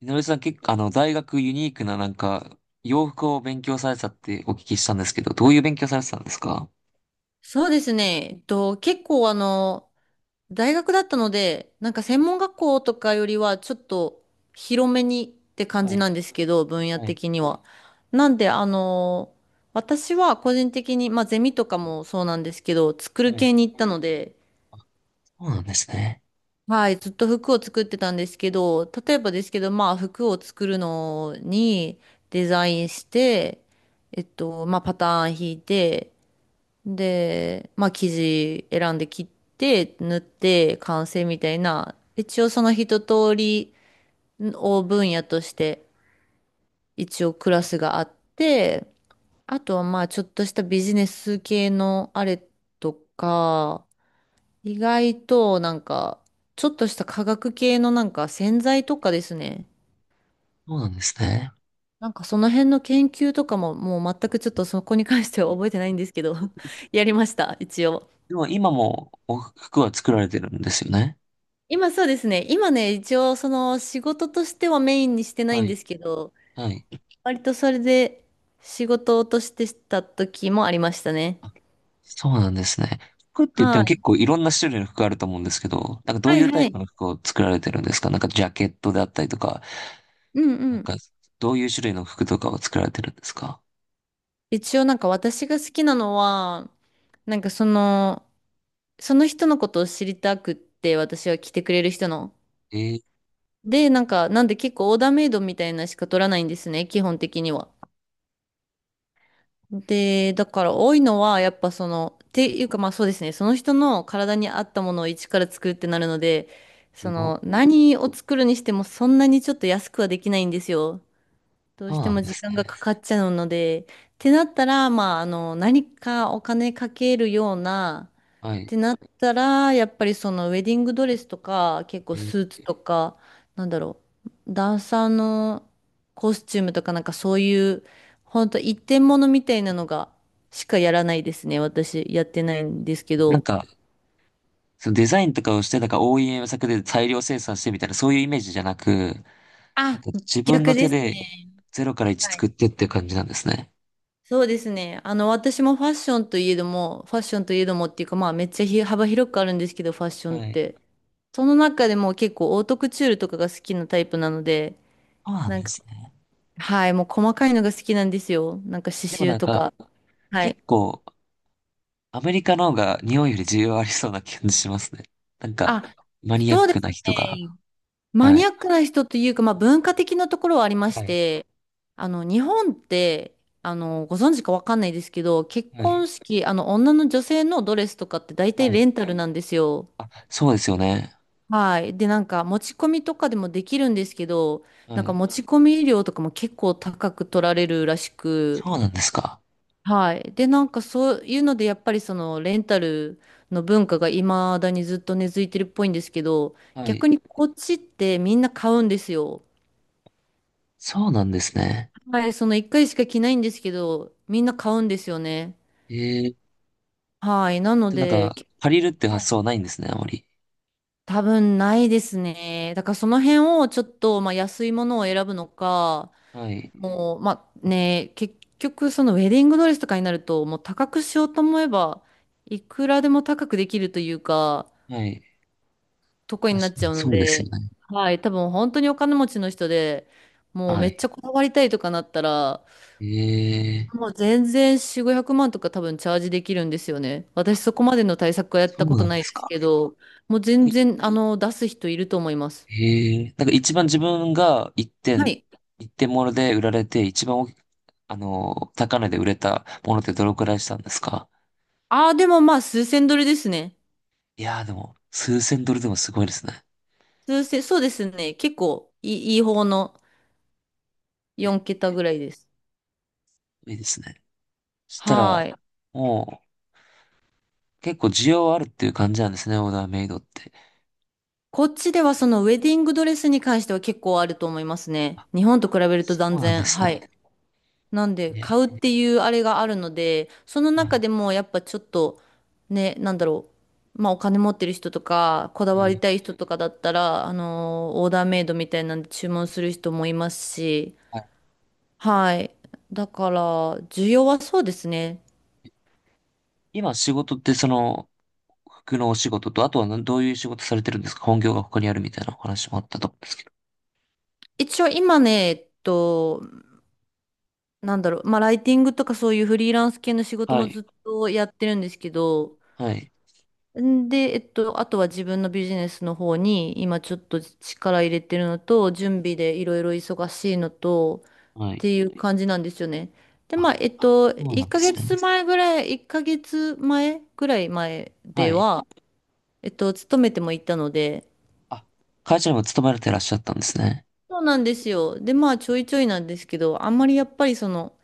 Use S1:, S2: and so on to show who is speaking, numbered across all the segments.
S1: みのりさん結構、大学ユニークななんか、洋服を勉強されてたってお聞きしたんですけど、どういう勉強されてたんですか？
S2: そうですね。えっと、結構あの、大学だったので、なんか専門学校とかよりはちょっと広めにって感
S1: は
S2: じ
S1: い、
S2: なんですけど、分野
S1: はい、
S2: 的には。なんで、あの、私は個人的に、まあゼミとかもそうなんですけど、作る
S1: はい。
S2: 系に行ったので、
S1: そうなんですね。
S2: はい、ずっと服を作ってたんですけど、例えばですけど、まあ服を作るのにデザインして、まあパターン引いて、で、まあ生地選んで切って縫って完成みたいな、一応その一通りを分野として一応クラスがあって、あとはまあちょっとしたビジネス系のあれとか、意外となんかちょっとした化学系のなんか洗剤とかですね。
S1: そうなんですね。
S2: なんかその辺の研究とかももう全くちょっとそこに関して
S1: は
S2: は
S1: い。
S2: 覚えてないんですけど やりました、一応。
S1: でも今もお服は作られてるんですよね。
S2: 今そうですね。今ね、一応その仕事としてはメインにしてない
S1: は
S2: んで
S1: い、
S2: すけど、
S1: はい。
S2: 割とそれで仕事としてした時もありましたね。
S1: あ、そうなんですね。服って言って
S2: は
S1: も結
S2: い。
S1: 構いろんな種類の服あると思うんですけど、なんかど
S2: は
S1: うい
S2: い
S1: うタ
S2: は
S1: イ
S2: い。
S1: プの服を作られてるんですか？なんかジャケットであったりとか、
S2: うん
S1: な
S2: う
S1: ん
S2: ん。
S1: かどういう種類の服とかを作られてるんですか？
S2: 一応なんか私が好きなのは、なんかその、その人のことを知りたくって私は来てくれる人の。
S1: えー、
S2: で、なんか、なんで結構オーダーメイドみたいなしか取らないんですね、基本的には。で、だから多いのは、やっぱその、っていうかまあそうですね、その人の体に合ったものを一から作るってなるので、
S1: す
S2: そ
S1: ご。
S2: の、何を作るにしてもそんなにちょっと安くはできないんですよ。どう
S1: そう
S2: して
S1: なん
S2: も
S1: で
S2: 時
S1: す
S2: 間が
S1: ね。
S2: かかっちゃうので、ってなったら、何かお金かけるような、
S1: は
S2: っ
S1: い。
S2: てなったら、やっぱりそのウェディングドレスとか、結構
S1: えー
S2: スーツとか、なんだろダンサーのコスチュームとかなんかそういう、ほんと一点物みたいなのがしかやらないですね。私やってないんですけ
S1: なん
S2: ど。
S1: か、そのデザインとかをして、なんか OEM 作で大量生産してみたいな、そういうイメージじゃなく、なん
S2: あ、
S1: か自分
S2: 逆
S1: の
S2: で
S1: 手
S2: す
S1: で
S2: ね。
S1: ゼロから1作
S2: はい。
S1: ってっていう感じなんですね。
S2: そうですね。私もファッションといえども、ファッションといえどもっていうか、まあめっちゃ幅広くあるんですけど、ファッションっ
S1: はい。
S2: て。その中でも結構オートクチュールとかが好きなタイプなので、
S1: そうなん
S2: なん
S1: で
S2: か
S1: すね。
S2: はい、もう細かいのが好きなんですよ。なんか刺
S1: でも
S2: 繍
S1: なん
S2: と
S1: か、
S2: か。はい。
S1: 結構、アメリカの方が日本より需要ありそうな感じしますね。なんか、
S2: あ、
S1: マニアッ
S2: そうで
S1: ク
S2: す
S1: な人が。
S2: ね。マ
S1: は
S2: ニアッ
S1: い。
S2: クな人というか、まあ文化的なところはありま
S1: は
S2: し
S1: い。
S2: て、日本って、ご存知かわかんないですけど、結
S1: は
S2: 婚
S1: い。
S2: 式、女性のドレスとかって大
S1: は
S2: 体
S1: い。
S2: レンタルなんですよ。
S1: あ、そうですよね。
S2: はい。で、なんか持ち込みとかでもできるんですけど、
S1: は
S2: なんか
S1: い。
S2: 持ち込み料とかも結構高く取られるらしく、
S1: そうなんですか。
S2: はい。で、なんかそういうので、やっぱりそのレンタルの文化が未だにずっと根付いてるっぽいんですけど、
S1: はい。
S2: 逆にこっちってみんな買うんですよ。
S1: そうなんですね。
S2: はい、その1回しか着ないんですけど、みんな買うんですよね。
S1: えー、
S2: はい。なの
S1: で、なん
S2: で、
S1: か、
S2: け、
S1: 借りるっていう
S2: は
S1: 発
S2: い、
S1: 想はないんですね、あまり。
S2: 多分ないですね。だからその辺をちょっと、まあ、安いものを選ぶのか、
S1: はい。
S2: もう、まあね、結局そのウェディングドレスとかになると、もう高くしようと思えば、いくらでも高くできるというか、
S1: はい。
S2: とこに
S1: 確
S2: なっ
S1: か
S2: ち
S1: に、
S2: ゃうの
S1: そうです
S2: で、
S1: よね。
S2: はい、多分本当にお金持ちの人で、もう
S1: は
S2: めっち
S1: い。
S2: ゃこだわりたいとかなったら、
S1: ええ、
S2: もう全然4、500万とか多分チャージできるんですよね。私そこまでの対策はやっ
S1: そ
S2: たこ
S1: う
S2: と
S1: なんで
S2: ない
S1: す
S2: です
S1: か。
S2: けど、もう全然、あの、出す人いると思います。
S1: ええ、なんか一番自分が
S2: はい。
S1: 一点物で売られて、一番大きあの、高値で売れたものってどのくらいしたんですか？
S2: ああ、でもまあ数千ドルですね。
S1: いやーでも、数千ドルでもすごいですね。
S2: 数千、そうですね。結構いい、いい方の
S1: え、
S2: 4桁ぐらいです。
S1: いいですね。そした
S2: は
S1: ら、
S2: い。
S1: もう、結構需要あるっていう感じなんですね、オーダーメイドって。
S2: こっちではそのウェディングドレスに関しては結構あると思いますね。
S1: あ、
S2: 日本と比べると
S1: そ
S2: 断
S1: うなんで
S2: 然。
S1: す
S2: は
S1: ね。
S2: い。なんで、買うっ
S1: え
S2: ていうあれがあるので、その
S1: は
S2: 中
S1: い。
S2: でもやっぱちょっと、ね、なんだろう。まあお金持ってる人とか、こだ
S1: は
S2: わり
S1: い。
S2: たい人とかだったら、あのーオーダーメイドみたいなんで注文する人もいますし、
S1: はい。
S2: はい。だから、需要はそうですね。
S1: 今仕事ってその、服のお仕事と、あとはどういう仕事されてるんですか？本業が他にあるみたいなお話もあったと思うんですけど。
S2: 一応今ね、えっと、なんだろう、まあライティングとかそういうフリーランス系の仕事
S1: は
S2: も
S1: い。
S2: ずっとやってるんですけど、
S1: はい。
S2: んで、えっと、あとは自分のビジネスの方に今ちょっと力入れてるのと、準備でいろいろ忙しいのと、
S1: は
S2: っ
S1: い。
S2: ていう感じなんですよね。で、ま
S1: あ、
S2: あ、えっと、
S1: そうなんですね。
S2: 1ヶ月前ぐらい前
S1: は
S2: で
S1: い。
S2: は、勤めてもいたので、
S1: あ、会社にも勤められてらっしゃったんですね。
S2: そうなんですよ。で、まあ、ちょいちょいなんですけど、あんまりやっぱりその、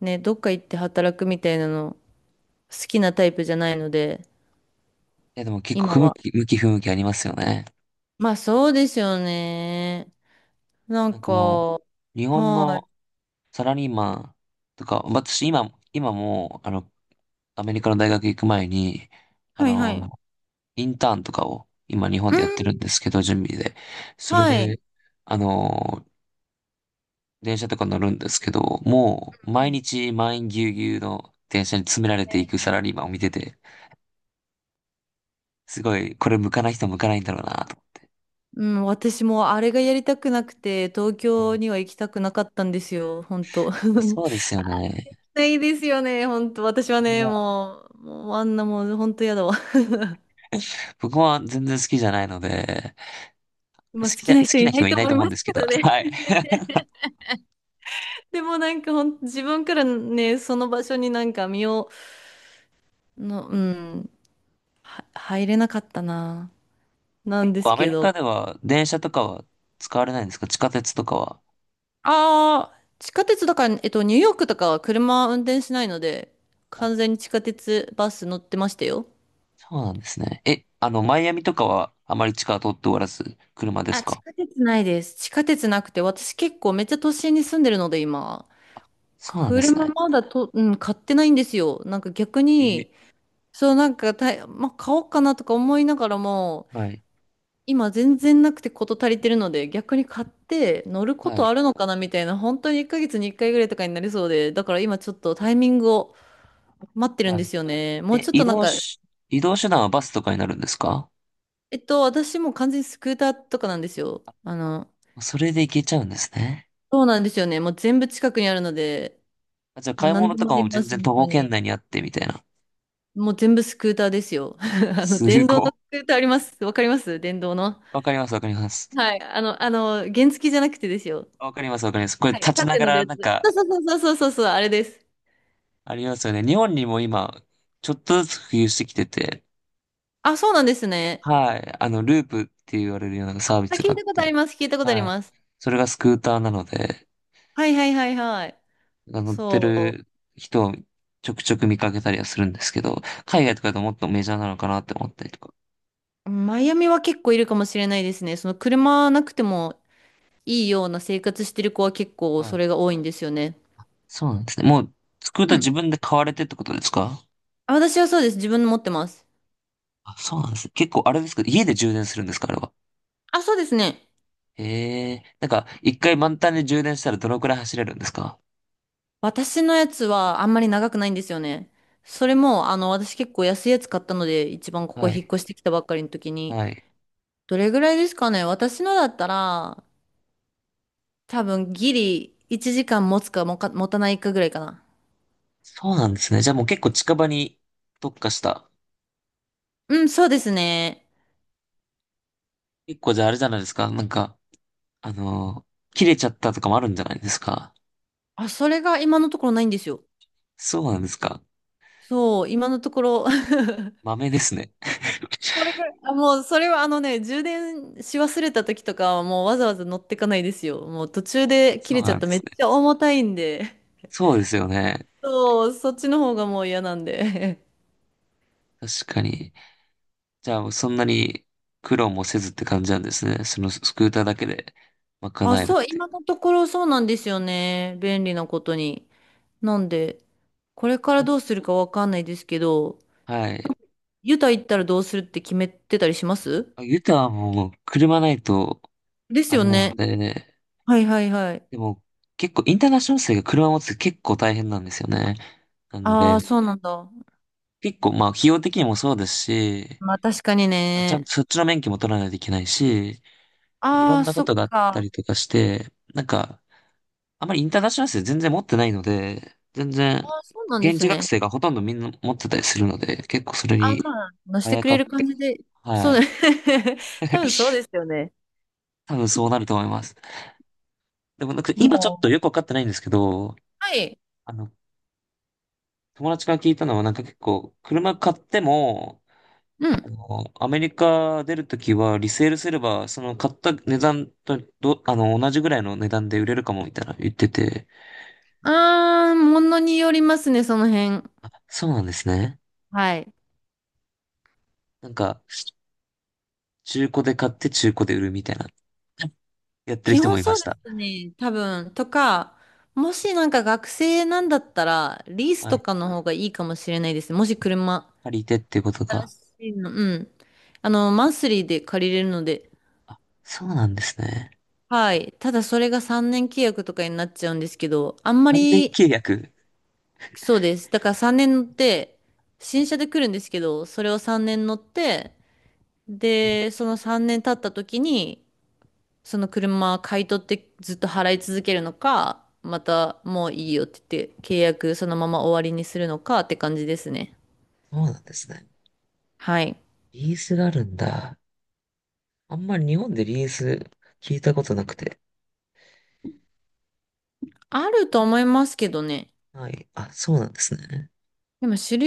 S2: ね、どっか行って働くみたいなの、好きなタイプじゃないので、
S1: え、でも結構
S2: 今
S1: 不向
S2: は。
S1: き、向き不向きありますよね。
S2: まあ、そうですよね。な
S1: な
S2: ん
S1: んか
S2: か、
S1: もう、日本
S2: はい
S1: のサラリーマンとか、私今、今も、アメリカの大学行く前に、あ
S2: はいは
S1: の、
S2: い。
S1: インターンとかを今日本
S2: う
S1: でやってる
S2: ん、
S1: んですけど、準備で。それ
S2: はい。
S1: で、あの電車とか乗るんですけど、もう毎日満員ぎゅうぎゅうの電車に詰められていくサラリーマンを見てて、すごい、これ向かない人向かないんだろうなと思っ
S2: うん、私もあれがやりたくなくて、東
S1: て。は
S2: 京
S1: い。
S2: には行きたくなかったんですよ、本当。
S1: あ、 そうですよね。
S2: ないですよね、本当。私は
S1: あれ
S2: ね、
S1: は、
S2: もうあんなもう本当やだわ。
S1: 僕は全然好きじゃないので、
S2: 今好き
S1: 好
S2: な人
S1: き
S2: い
S1: な
S2: な
S1: 人
S2: い
S1: はい
S2: と
S1: ない
S2: 思い
S1: と思うん
S2: ます
S1: ですけど、
S2: ね。
S1: はい。
S2: でもなんかほん、自分からね、その場所になんか身を、の、うん、は、入れなかったな、な
S1: 結
S2: んで
S1: 構
S2: す
S1: アメ
S2: け
S1: リカ
S2: ど。
S1: では電車とかは使われないんですか？地下鉄とかは。
S2: ああ、地下鉄だから、ニューヨークとかは車運転しないので、
S1: あ、
S2: 完全に地下鉄、バス乗ってましたよ。
S1: そうなんですね。え、マイアミとかはあまり地下は通っておらず、車で
S2: あ、
S1: す
S2: 地
S1: か？
S2: 下鉄ないです。地下鉄なくて、私結構めっちゃ都心に住んでるので、今。
S1: そうなんです
S2: 車
S1: ね。
S2: まだと、うん、買ってないんですよ。なんか逆
S1: え、
S2: に、そう、なんかた、まあ、買おうかなとか思いながらも、
S1: はい、
S2: 今全然なくてこと足りてるので、逆に買って乗るこ
S1: は
S2: と
S1: い、
S2: あるのかなみたいな、本当に1ヶ月に1回ぐらいとかになりそうで、だから今ちょっとタイミングを待ってるん
S1: は
S2: で
S1: い。
S2: すよね。もう
S1: え、
S2: ちょっとなんか、
S1: 移動手段はバスとかになるんですか？
S2: 私もう完全にスクーターとかなんですよ。
S1: それで行けちゃうんですね。
S2: そうなんですよね。もう全部近くにあるので、
S1: あ、じゃあ
S2: もう
S1: 買い
S2: 何
S1: 物
S2: で
S1: と
S2: もあ
S1: か
S2: り
S1: も
S2: ま
S1: 全
S2: す、
S1: 然
S2: 本
S1: 徒
S2: 当
S1: 歩圏
S2: に。
S1: 内にあってみたいな。
S2: もう全部スクーターですよ。あの、
S1: す
S2: 電動
S1: ごい。
S2: のスクーターあります。わかります電動の。
S1: わかります、わかります。
S2: はい。あの、原付じゃなくてですよ。
S1: わかります、わかります。これ
S2: はい。
S1: 立
S2: 立
S1: ち
S2: っ
S1: な
S2: て
S1: が
S2: 乗る
S1: ら
S2: やつ。
S1: なんか、
S2: そうそうそうそうそうそう、あれです。
S1: ありますよね。日本にも今、ちょっとずつ普及してきてて、
S2: あ、そうなんですね。
S1: はい。ループって言われるようなサービ
S2: あ、
S1: スが
S2: 聞
S1: あ
S2: い
S1: っ
S2: たことあり
S1: て、
S2: ます。聞いたことあり
S1: はい。
S2: ます。
S1: それがスクーターなので、
S2: はいはいはいはい。
S1: 乗って
S2: そ
S1: る人をちょくちょく見かけたりはするんですけど、海外とかだともっとメジャーなのかなって思ったりとか。
S2: う。マイアミは結構いるかもしれないですね。その車なくてもいいような生活してる子は結構
S1: は
S2: そ
S1: い、
S2: れが多いんですよね。
S1: そうなんですね。もう、スクー
S2: う
S1: ター自
S2: ん。
S1: 分で買われてってことですか？
S2: あ、私はそうです。自分の持ってます。
S1: あ、そうなんですね。結構、あれですか？家で充電するんですか？あれは。
S2: あ、そうですね。
S1: へえ。なんか、一回満タンで充電したらどのくらい走れるんですか？
S2: 私のやつはあんまり長くないんですよね。それも、私結構安いやつ買ったので、一番ここ
S1: は
S2: 引っ
S1: い。
S2: 越してきたばっかりの時に、
S1: はい。
S2: どれぐらいですかね私のだったら、多分ギリ1時間持つかもか、持たないかぐらいかな。
S1: そうなんですね。じゃあもう結構近場に特化した。
S2: うん、そうですね。
S1: 結構じゃああれじゃないですか。なんか、切れちゃったとかもあるんじゃないですか。
S2: あ、それが今のところないんですよ。
S1: そうなんですか。
S2: そう、今のところ
S1: 豆ですね。
S2: これぐらい。あ、もう、それはあのね、充電し忘れた時とかはもうわざわざ乗ってかないですよ。もう途中で切
S1: そ
S2: れ
S1: う
S2: ちゃ
S1: な
S2: っ
S1: んで
S2: ためっ
S1: すね。
S2: ちゃ重たいんで。
S1: そうですよね。
S2: そう、そっちの方がもう嫌なんで。
S1: 確かに。じゃあ、そんなに苦労もせずって感じなんですね。そのスクーターだけで
S2: あ、
S1: 賄えるっ
S2: そう、
S1: て
S2: 今
S1: い
S2: のところそうなんですよね。便利なことに。なんで、これから
S1: う。
S2: どうするかわかんないですけど、
S1: はい。
S2: ユタ行ったらどうするって決めてたりします？
S1: あ、ユタはもう車ないと、
S2: です
S1: あ
S2: よ
S1: れな
S2: ね。
S1: ので、
S2: はいはいはい。
S1: でも結構インターナショナル生が車持つって結構大変なんですよね。なん
S2: ああ、
S1: で、
S2: そうなんだ。
S1: 結構まあ費用的にもそうですし、
S2: まあ確かに
S1: あ、ちゃん
S2: ね。
S1: とそっちの免許も取らないといけないし、いろ
S2: あ
S1: ん
S2: あ、
S1: なこ
S2: そっ
S1: とがあった
S2: か。
S1: りとかして、なんか、あまりインターナショナル生全然持ってないので、全
S2: あ
S1: 然、
S2: あ、そうなんで
S1: 現
S2: す
S1: 地学
S2: ね。
S1: 生がほとんどみんな持ってたりするので、結構それ
S2: ああ、
S1: に、
S2: まあ、乗し
S1: あ
S2: て
S1: や
S2: く
S1: か
S2: れ
S1: っ
S2: る感
S1: て、
S2: じで。そ
S1: は
S2: うだね。
S1: い。
S2: 多 分そうですよね。
S1: 多分そうなると思います。でもなんか今ちょっ
S2: も
S1: とよ
S2: う。
S1: くわかってないんですけど、
S2: はい。
S1: あの、友達から聞いたのはなんか結構、車買っても、
S2: うん。
S1: アメリカ出るときはリセールすれば、その買った値段とど、あの、同じぐらいの値段で売れるかもみたいな言ってて、
S2: あー、ものによりますね、その辺。
S1: あ、そうなんですね。
S2: はい。
S1: なんか、中古で買って中古で売るみたいな、やってる
S2: 基
S1: 人も
S2: 本
S1: い
S2: そ
S1: ま
S2: う
S1: し
S2: で
S1: た。
S2: すね、多分。とか、もしなんか学生なんだったら、リース
S1: は
S2: と
S1: い。
S2: かの方がいいかもしれないですね。もし車。
S1: 借りてっていうこと
S2: 新
S1: か。
S2: しいの。うん。マンスリーで借りれるので。
S1: あ、そうなんですね。
S2: はい。ただそれが3年契約とかになっちゃうんですけど、あんま
S1: 3年
S2: り、
S1: 契約。
S2: そうです。だから3年乗って、新車で来るんですけど、それを3年乗って、
S1: ね、
S2: で、その3年経った時に、その車買い取ってずっと払い続けるのか、またもういいよって言って契約そのまま終わりにするのかって感じですね。
S1: そうなんですね。
S2: はい。
S1: リースがあるんだ。あんまり日本でリース聞いたことなくて。
S2: あると思いますけどね。
S1: はい。あ、そうなんですね。
S2: でも主流